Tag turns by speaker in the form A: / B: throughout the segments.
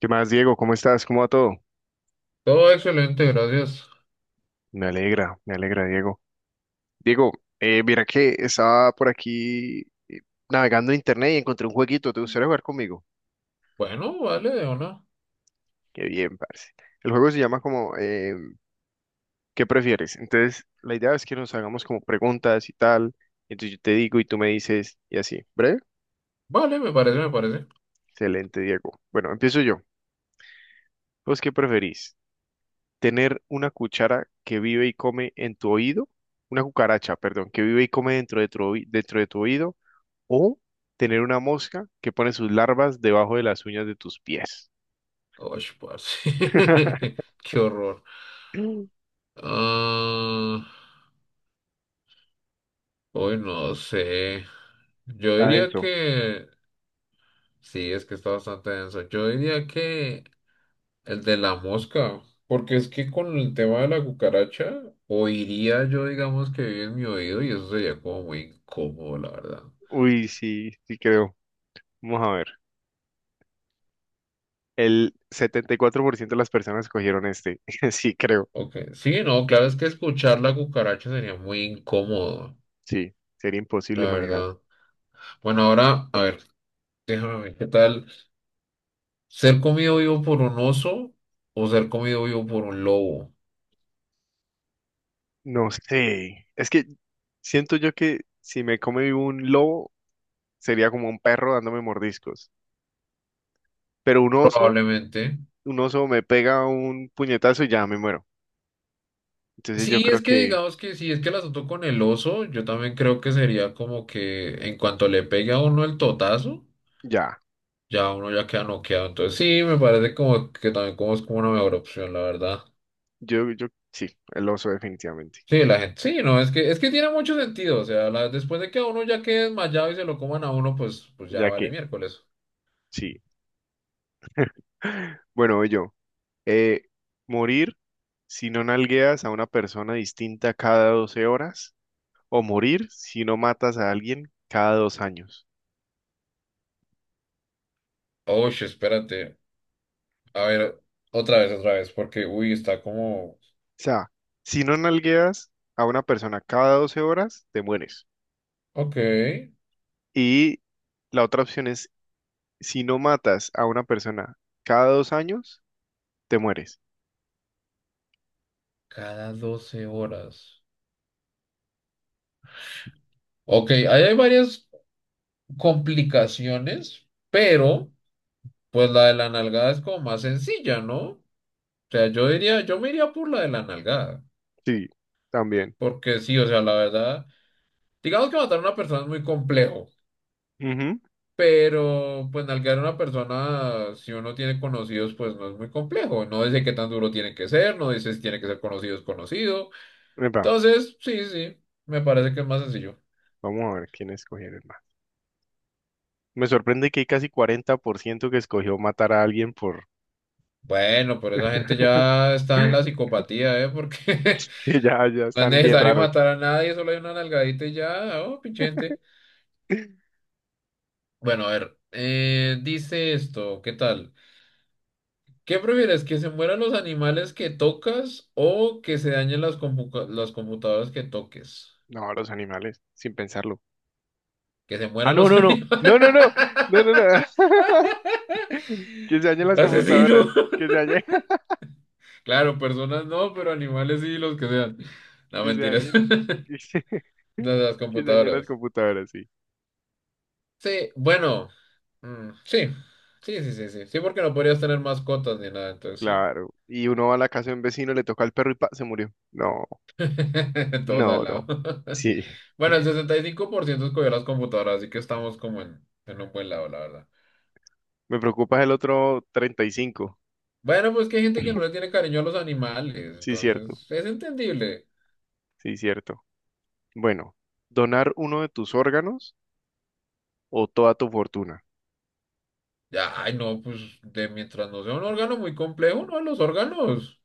A: ¿Qué más, Diego? ¿Cómo estás? ¿Cómo va todo?
B: Todo excelente, gracias.
A: Me alegra, Diego. Diego, mira que estaba por aquí eh, navegando en internet y encontré un jueguito. ¿Te gustaría jugar conmigo?
B: Bueno, vale, o no.
A: Qué bien, parce. El juego se llama como ¿qué prefieres? Entonces, la idea es que nos hagamos como preguntas y tal. Entonces yo te digo y tú me dices y así. ¿Breve?
B: Vale, me parece, me parece.
A: Excelente, Diego. Bueno, empiezo yo. ¿Vos qué preferís? ¿Tener una cuchara que vive y come en tu oído? Una cucaracha, perdón, que vive y come dentro de tu oído. O tener una mosca que pone sus larvas debajo de las uñas de tus pies.
B: Uy, parce. Qué horror.
A: Está
B: Ah, hoy no sé. Yo diría
A: denso.
B: que. Sí, es que está bastante denso. Yo diría que el de la mosca. Porque es que con el tema de la cucaracha, oiría yo, digamos, que vive en mi oído y eso sería como muy incómodo, la verdad.
A: Uy, sí, sí creo. Vamos a ver. El 74% de las personas cogieron este. Sí creo.
B: Ok, sí, no, claro, es que escuchar la cucaracha sería muy incómodo,
A: Sí, sería
B: la
A: imposible manejar.
B: verdad. Bueno, ahora, a ver, déjame ver qué tal. ¿Ser comido vivo por un oso o ser comido vivo por un lobo?
A: No sé. Es que siento yo que si me come vivo un lobo, sería como un perro dándome mordiscos. Pero
B: Probablemente.
A: un oso me pega un puñetazo y ya me muero. Entonces yo
B: Sí,
A: creo
B: es que
A: que
B: digamos que si es que el asunto con el oso, yo también creo que sería como que en cuanto le pegue a uno el totazo,
A: ya.
B: ya uno ya queda noqueado. Entonces sí, me parece como que también como es como una mejor opción, la verdad.
A: Yo, yo, sí, el oso definitivamente.
B: Sí, la gente, sí, no, es que tiene mucho sentido. O sea, después de que a uno ya quede desmayado y se lo coman a uno, pues ya
A: Ya
B: vale
A: que,
B: miércoles.
A: sí. Bueno, voy yo. Eh, morir si no nalgueas a una persona distinta cada 12 horas o morir si no matas a alguien cada 2 años.
B: Oye, espérate. A ver, otra vez, porque, uy, está como.
A: O sea, si no nalgueas a una persona cada 12 horas, te mueres.
B: Ok,
A: Y la otra opción es, si no matas a una persona cada 2 años, te mueres.
B: cada 12 horas. Ok, ahí hay varias complicaciones, pero pues la de la nalgada es como más sencilla, ¿no? O sea, yo diría, yo me iría por la de la nalgada,
A: Sí, también.
B: porque sí, o sea, la verdad, digamos que matar a una persona es muy complejo,
A: Ujú.
B: pero pues nalgar a una persona, si uno tiene conocidos, pues no es muy complejo. No dice qué tan duro tiene que ser, no dice si tiene que ser conocido o desconocido.
A: Epa,
B: Entonces, sí, sí, me parece que es más sencillo.
A: vamos a ver quién escogieron más. Me sorprende que hay casi 40% que escogió matar a alguien por.
B: Bueno, pero esa gente ya está en la psicopatía, ¿eh? Porque
A: Sí, ya, ya
B: no es
A: están bien
B: necesario
A: raros.
B: matar a nadie, solo hay una nalgadita y ya, oh, pinche gente. Bueno, a ver, dice esto, ¿qué tal? ¿Qué prefieres, que se mueran los animales que tocas o que se dañen las computadoras que toques?
A: No, los animales, sin pensarlo.
B: Que se
A: Ah,
B: mueran
A: no,
B: los
A: no, no,
B: animales.
A: no, no, no, no, no, no. Que se dañen las computadoras,
B: Asesino.
A: que se dañen,
B: Claro, personas no, pero animales sí, los que sean. No,
A: que se
B: mentiras.
A: dañen, que se,
B: De las
A: que se dañen las
B: computadoras.
A: computadoras, sí,
B: Sí, bueno, mm, sí, sí, sí, sí, sí, sí, porque no podrías tener mascotas ni nada, entonces sí.
A: claro. Y uno va a la casa de un vecino, le toca al perro y pa, se murió. No,
B: Todos
A: no,
B: al
A: no.
B: lado.
A: Sí,
B: Bueno, el 65% escogió las computadoras, así que estamos como en un buen lado, la verdad.
A: me preocupa el otro 35.
B: Bueno, pues que hay gente que no le tiene cariño a los animales,
A: Sí, cierto,
B: entonces es entendible.
A: sí, cierto. Bueno, donar uno de tus órganos o toda tu fortuna.
B: Ya, ay, no, pues de mientras no sea un órgano muy complejo, no, los órganos.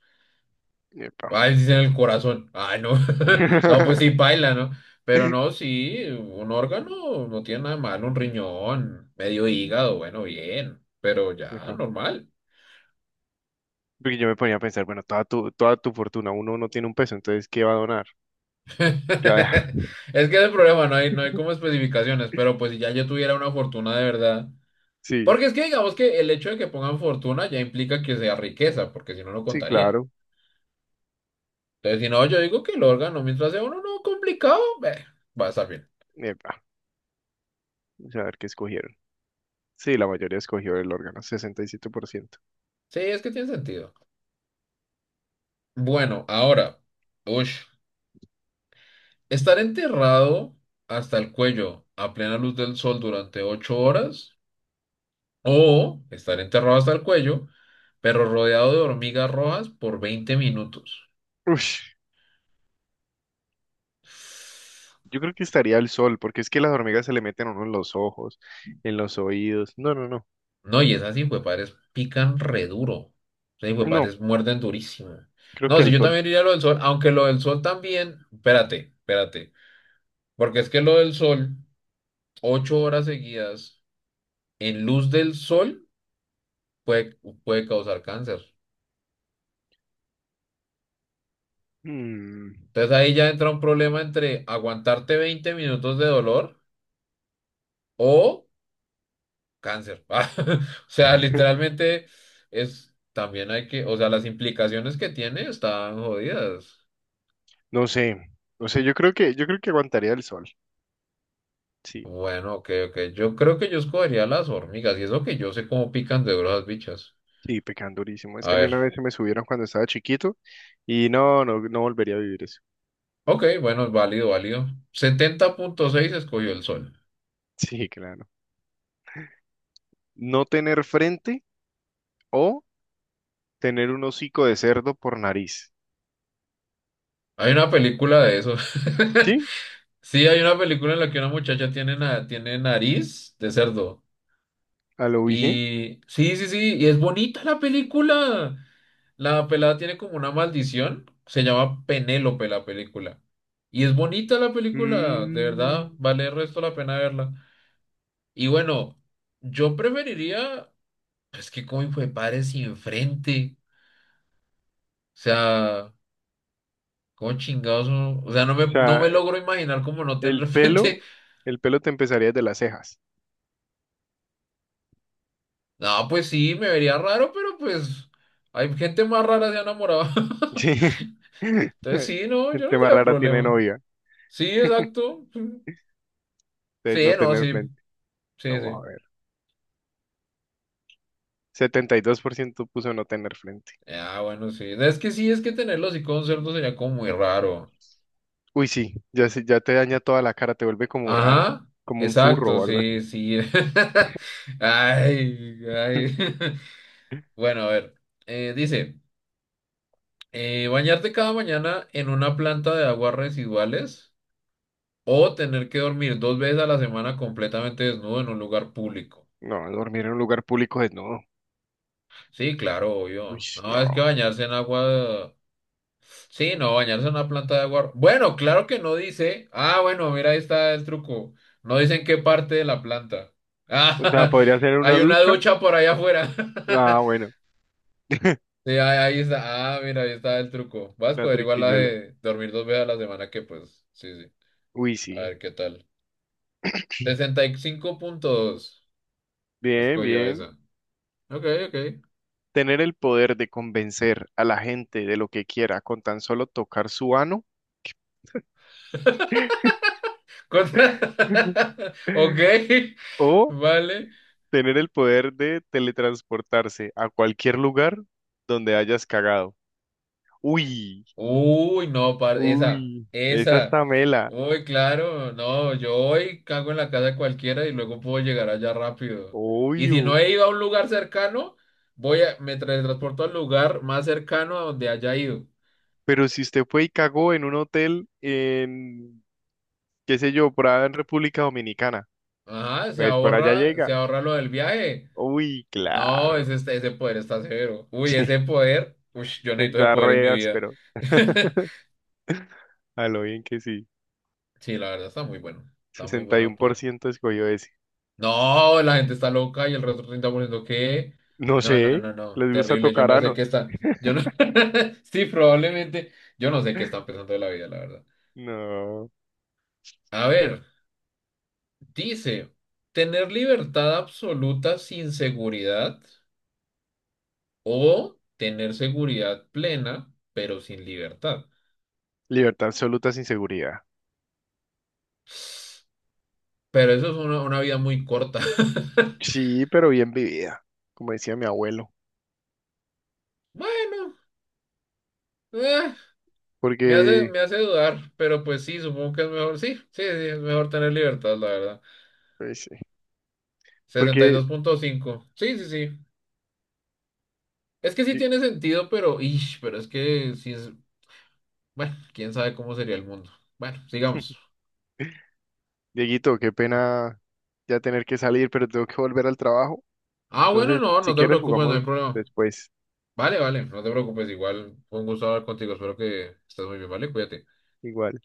A: Epa.
B: Ay, dicen el corazón. Ay, no. No, pues sí, paila, ¿no? Pero no, sí, un órgano no tiene nada mal un riñón, medio hígado, bueno, bien, pero ya,
A: Epa.
B: normal.
A: Porque yo me ponía a pensar, bueno, toda tu fortuna, uno no tiene un peso, entonces, ¿qué va a donar? ¿Qué va a dejar?
B: Es que es el problema, no hay como especificaciones, pero pues si ya yo tuviera una fortuna de verdad.
A: Sí,
B: Porque es que digamos que el hecho de que pongan fortuna ya implica que sea riqueza, porque si no, no
A: sí,
B: contaría.
A: claro.
B: Entonces, si no, yo digo que el órgano, mientras sea uno no complicado, eh, va a estar bien.
A: Epa, vamos a ver qué escogieron. Sí, la mayoría escogió el órgano, 67%.
B: Sí, es que tiene sentido. Bueno, ahora. Uy. Estar enterrado hasta el cuello a plena luz del sol durante 8 horas o estar enterrado hasta el cuello, pero rodeado de hormigas rojas por 20 minutos.
A: Ush, yo creo que estaría el sol, porque es que las hormigas se le meten a uno en los ojos, en los oídos. No, no, no.
B: No, y esas hijuepadres pican re duro. Esas
A: No,
B: hijuepadres muerden durísimo.
A: creo que
B: No, si
A: el
B: yo
A: sol.
B: también iría a lo del sol, aunque lo del sol también, espérate, espérate, porque es que lo del sol, 8 horas seguidas en luz del sol puede, puede causar cáncer.
A: Mm.
B: Entonces ahí ya entra un problema entre aguantarte 20 minutos de dolor o cáncer. Ah, o sea, literalmente es, también hay que, o sea, las implicaciones que tiene están jodidas.
A: No sé, no sé, yo creo que aguantaría el sol. Sí,
B: Bueno, ok, ok. Yo creo que yo escogería las hormigas y eso que yo sé cómo pican de duras las bichas.
A: sí, pecando durísimo. Es
B: A
A: que a mí una
B: ver.
A: vez se me subieron cuando estaba chiquito y no, no, no volvería a vivir eso.
B: Ok, bueno, es válido, válido. 70.6 escogió el sol.
A: Sí, claro. No tener frente o tener un hocico de cerdo por nariz.
B: Hay una película de eso.
A: Sí,
B: Sí, hay una película en la que una muchacha tiene, tiene nariz de cerdo.
A: a lo dije.
B: Y sí, sí, sí, y es bonita la película. La pelada tiene como una maldición. Se llama Penélope la película. Y es bonita la película, de verdad,
A: Mm,
B: vale el resto la pena verla. Y bueno, yo preferiría, es que como fue padre sin frente. O sea, como chingados, o sea,
A: o
B: no
A: sea,
B: me logro imaginar como no
A: el
B: tener
A: pelo,
B: frente.
A: el pelo te empezaría desde las cejas.
B: No, pues sí, me vería raro, pero pues hay gente más rara se ha enamorado.
A: Sí.
B: Entonces sí, no, yo
A: Gente
B: no le
A: más
B: veo
A: rara tiene
B: problema.
A: novia.
B: Sí, exacto.
A: Entonces
B: Sí,
A: no
B: no,
A: tener
B: sí,
A: frente.
B: sí,
A: Vamos
B: sí.
A: a ver. 72% puso no tener frente.
B: Ah, bueno, sí. Es que sí, es que tenerlo así con cerdo sería como muy raro.
A: Uy, sí, ya, se- ya te daña toda la cara, te vuelve como raro,
B: Ajá,
A: como un furro
B: exacto,
A: o algo
B: sí,
A: así.
B: sí. Ay, ay. Bueno, a ver. Dice, bañarte cada mañana en una planta de aguas residuales o tener que dormir dos veces a la semana completamente desnudo en un lugar público.
A: No, dormir en un lugar público es no.
B: Sí, claro,
A: Uy,
B: obvio. No, es que
A: no.
B: bañarse en agua. Sí, no, bañarse en una planta de agua. Bueno, claro que no dice. Ah, bueno, mira, ahí está el truco. No dicen qué parte de la planta.
A: O sea,
B: Ah,
A: podría ser en una
B: hay una
A: ducha.
B: ducha por allá afuera.
A: Ah, bueno,
B: Sí, ahí está. Ah, mira, ahí está el truco. Vas a
A: la
B: averiguar la
A: triquiñuela.
B: de dormir dos veces a la semana, que pues, sí, sí.
A: Uy,
B: A
A: sí.
B: ver qué tal. 65.2.
A: Bien,
B: Escogió
A: bien.
B: esa. Ok, ok.
A: Tener el poder de convencer a la gente de lo que quiera con tan solo tocar su ano
B: Ok,
A: o
B: vale.
A: tener el poder de teletransportarse a cualquier lugar donde hayas cagado. Uy,
B: Uy, no, esa,
A: uy, esa
B: esa.
A: está mela.
B: Uy, claro, no, yo hoy cago en la casa de cualquiera y luego puedo llegar allá rápido. Y si
A: Obvio,
B: no he ido a un lugar cercano, me transporto al lugar más cercano a donde haya ido.
A: pero si usted fue y cagó en un hotel en, qué sé yo, por allá en República Dominicana,
B: Ajá,
A: pues por allá llega.
B: se ahorra lo del viaje.
A: Uy,
B: No,
A: claro.
B: ese, ese poder está severo. Uy,
A: Sí,
B: ese poder, uy, yo necesito ese
A: está
B: poder en
A: re
B: mi vida.
A: pero a lo bien que sí.
B: Sí, la verdad está muy bueno. Está muy
A: sesenta y
B: bueno el
A: uno por
B: poder.
A: ciento escogió ese.
B: No, la gente está loca y el resto está poniendo que.
A: No sé,
B: No, no, no, no.
A: les gusta
B: Terrible. Yo
A: tocar
B: no sé
A: ano.
B: qué está. Yo no. Sí, probablemente. Yo no sé qué están pensando de la vida, la verdad.
A: No. No.
B: A ver, dice: ¿tener libertad absoluta sin seguridad o tener seguridad plena, pero sin libertad?
A: Libertad absoluta sin seguridad.
B: Pero eso es una vida muy corta.
A: Sí, pero bien vivida, como decía mi abuelo.
B: Bueno, eh,
A: Porque,
B: me hace dudar, pero pues sí, supongo que es mejor. Sí, sí, sí, es mejor tener libertad, la verdad.
A: pues, sí,
B: sesenta y
A: porque
B: dos punto cinco Sí, sí, sí. Es que sí
A: yo,
B: tiene sentido, pero, ish, pero es que sí es. Bueno, quién sabe cómo sería el mundo. Bueno, sigamos.
A: Dieguito, qué pena ya tener que salir, pero tengo que volver al trabajo.
B: Ah, bueno,
A: Entonces,
B: no,
A: si
B: no te
A: quieres,
B: preocupes, no hay
A: jugamos
B: problema.
A: después.
B: Vale, vale, no te preocupes. Igual fue un gusto hablar contigo. Espero que estés muy bien, ¿vale? Cuídate.
A: Igual.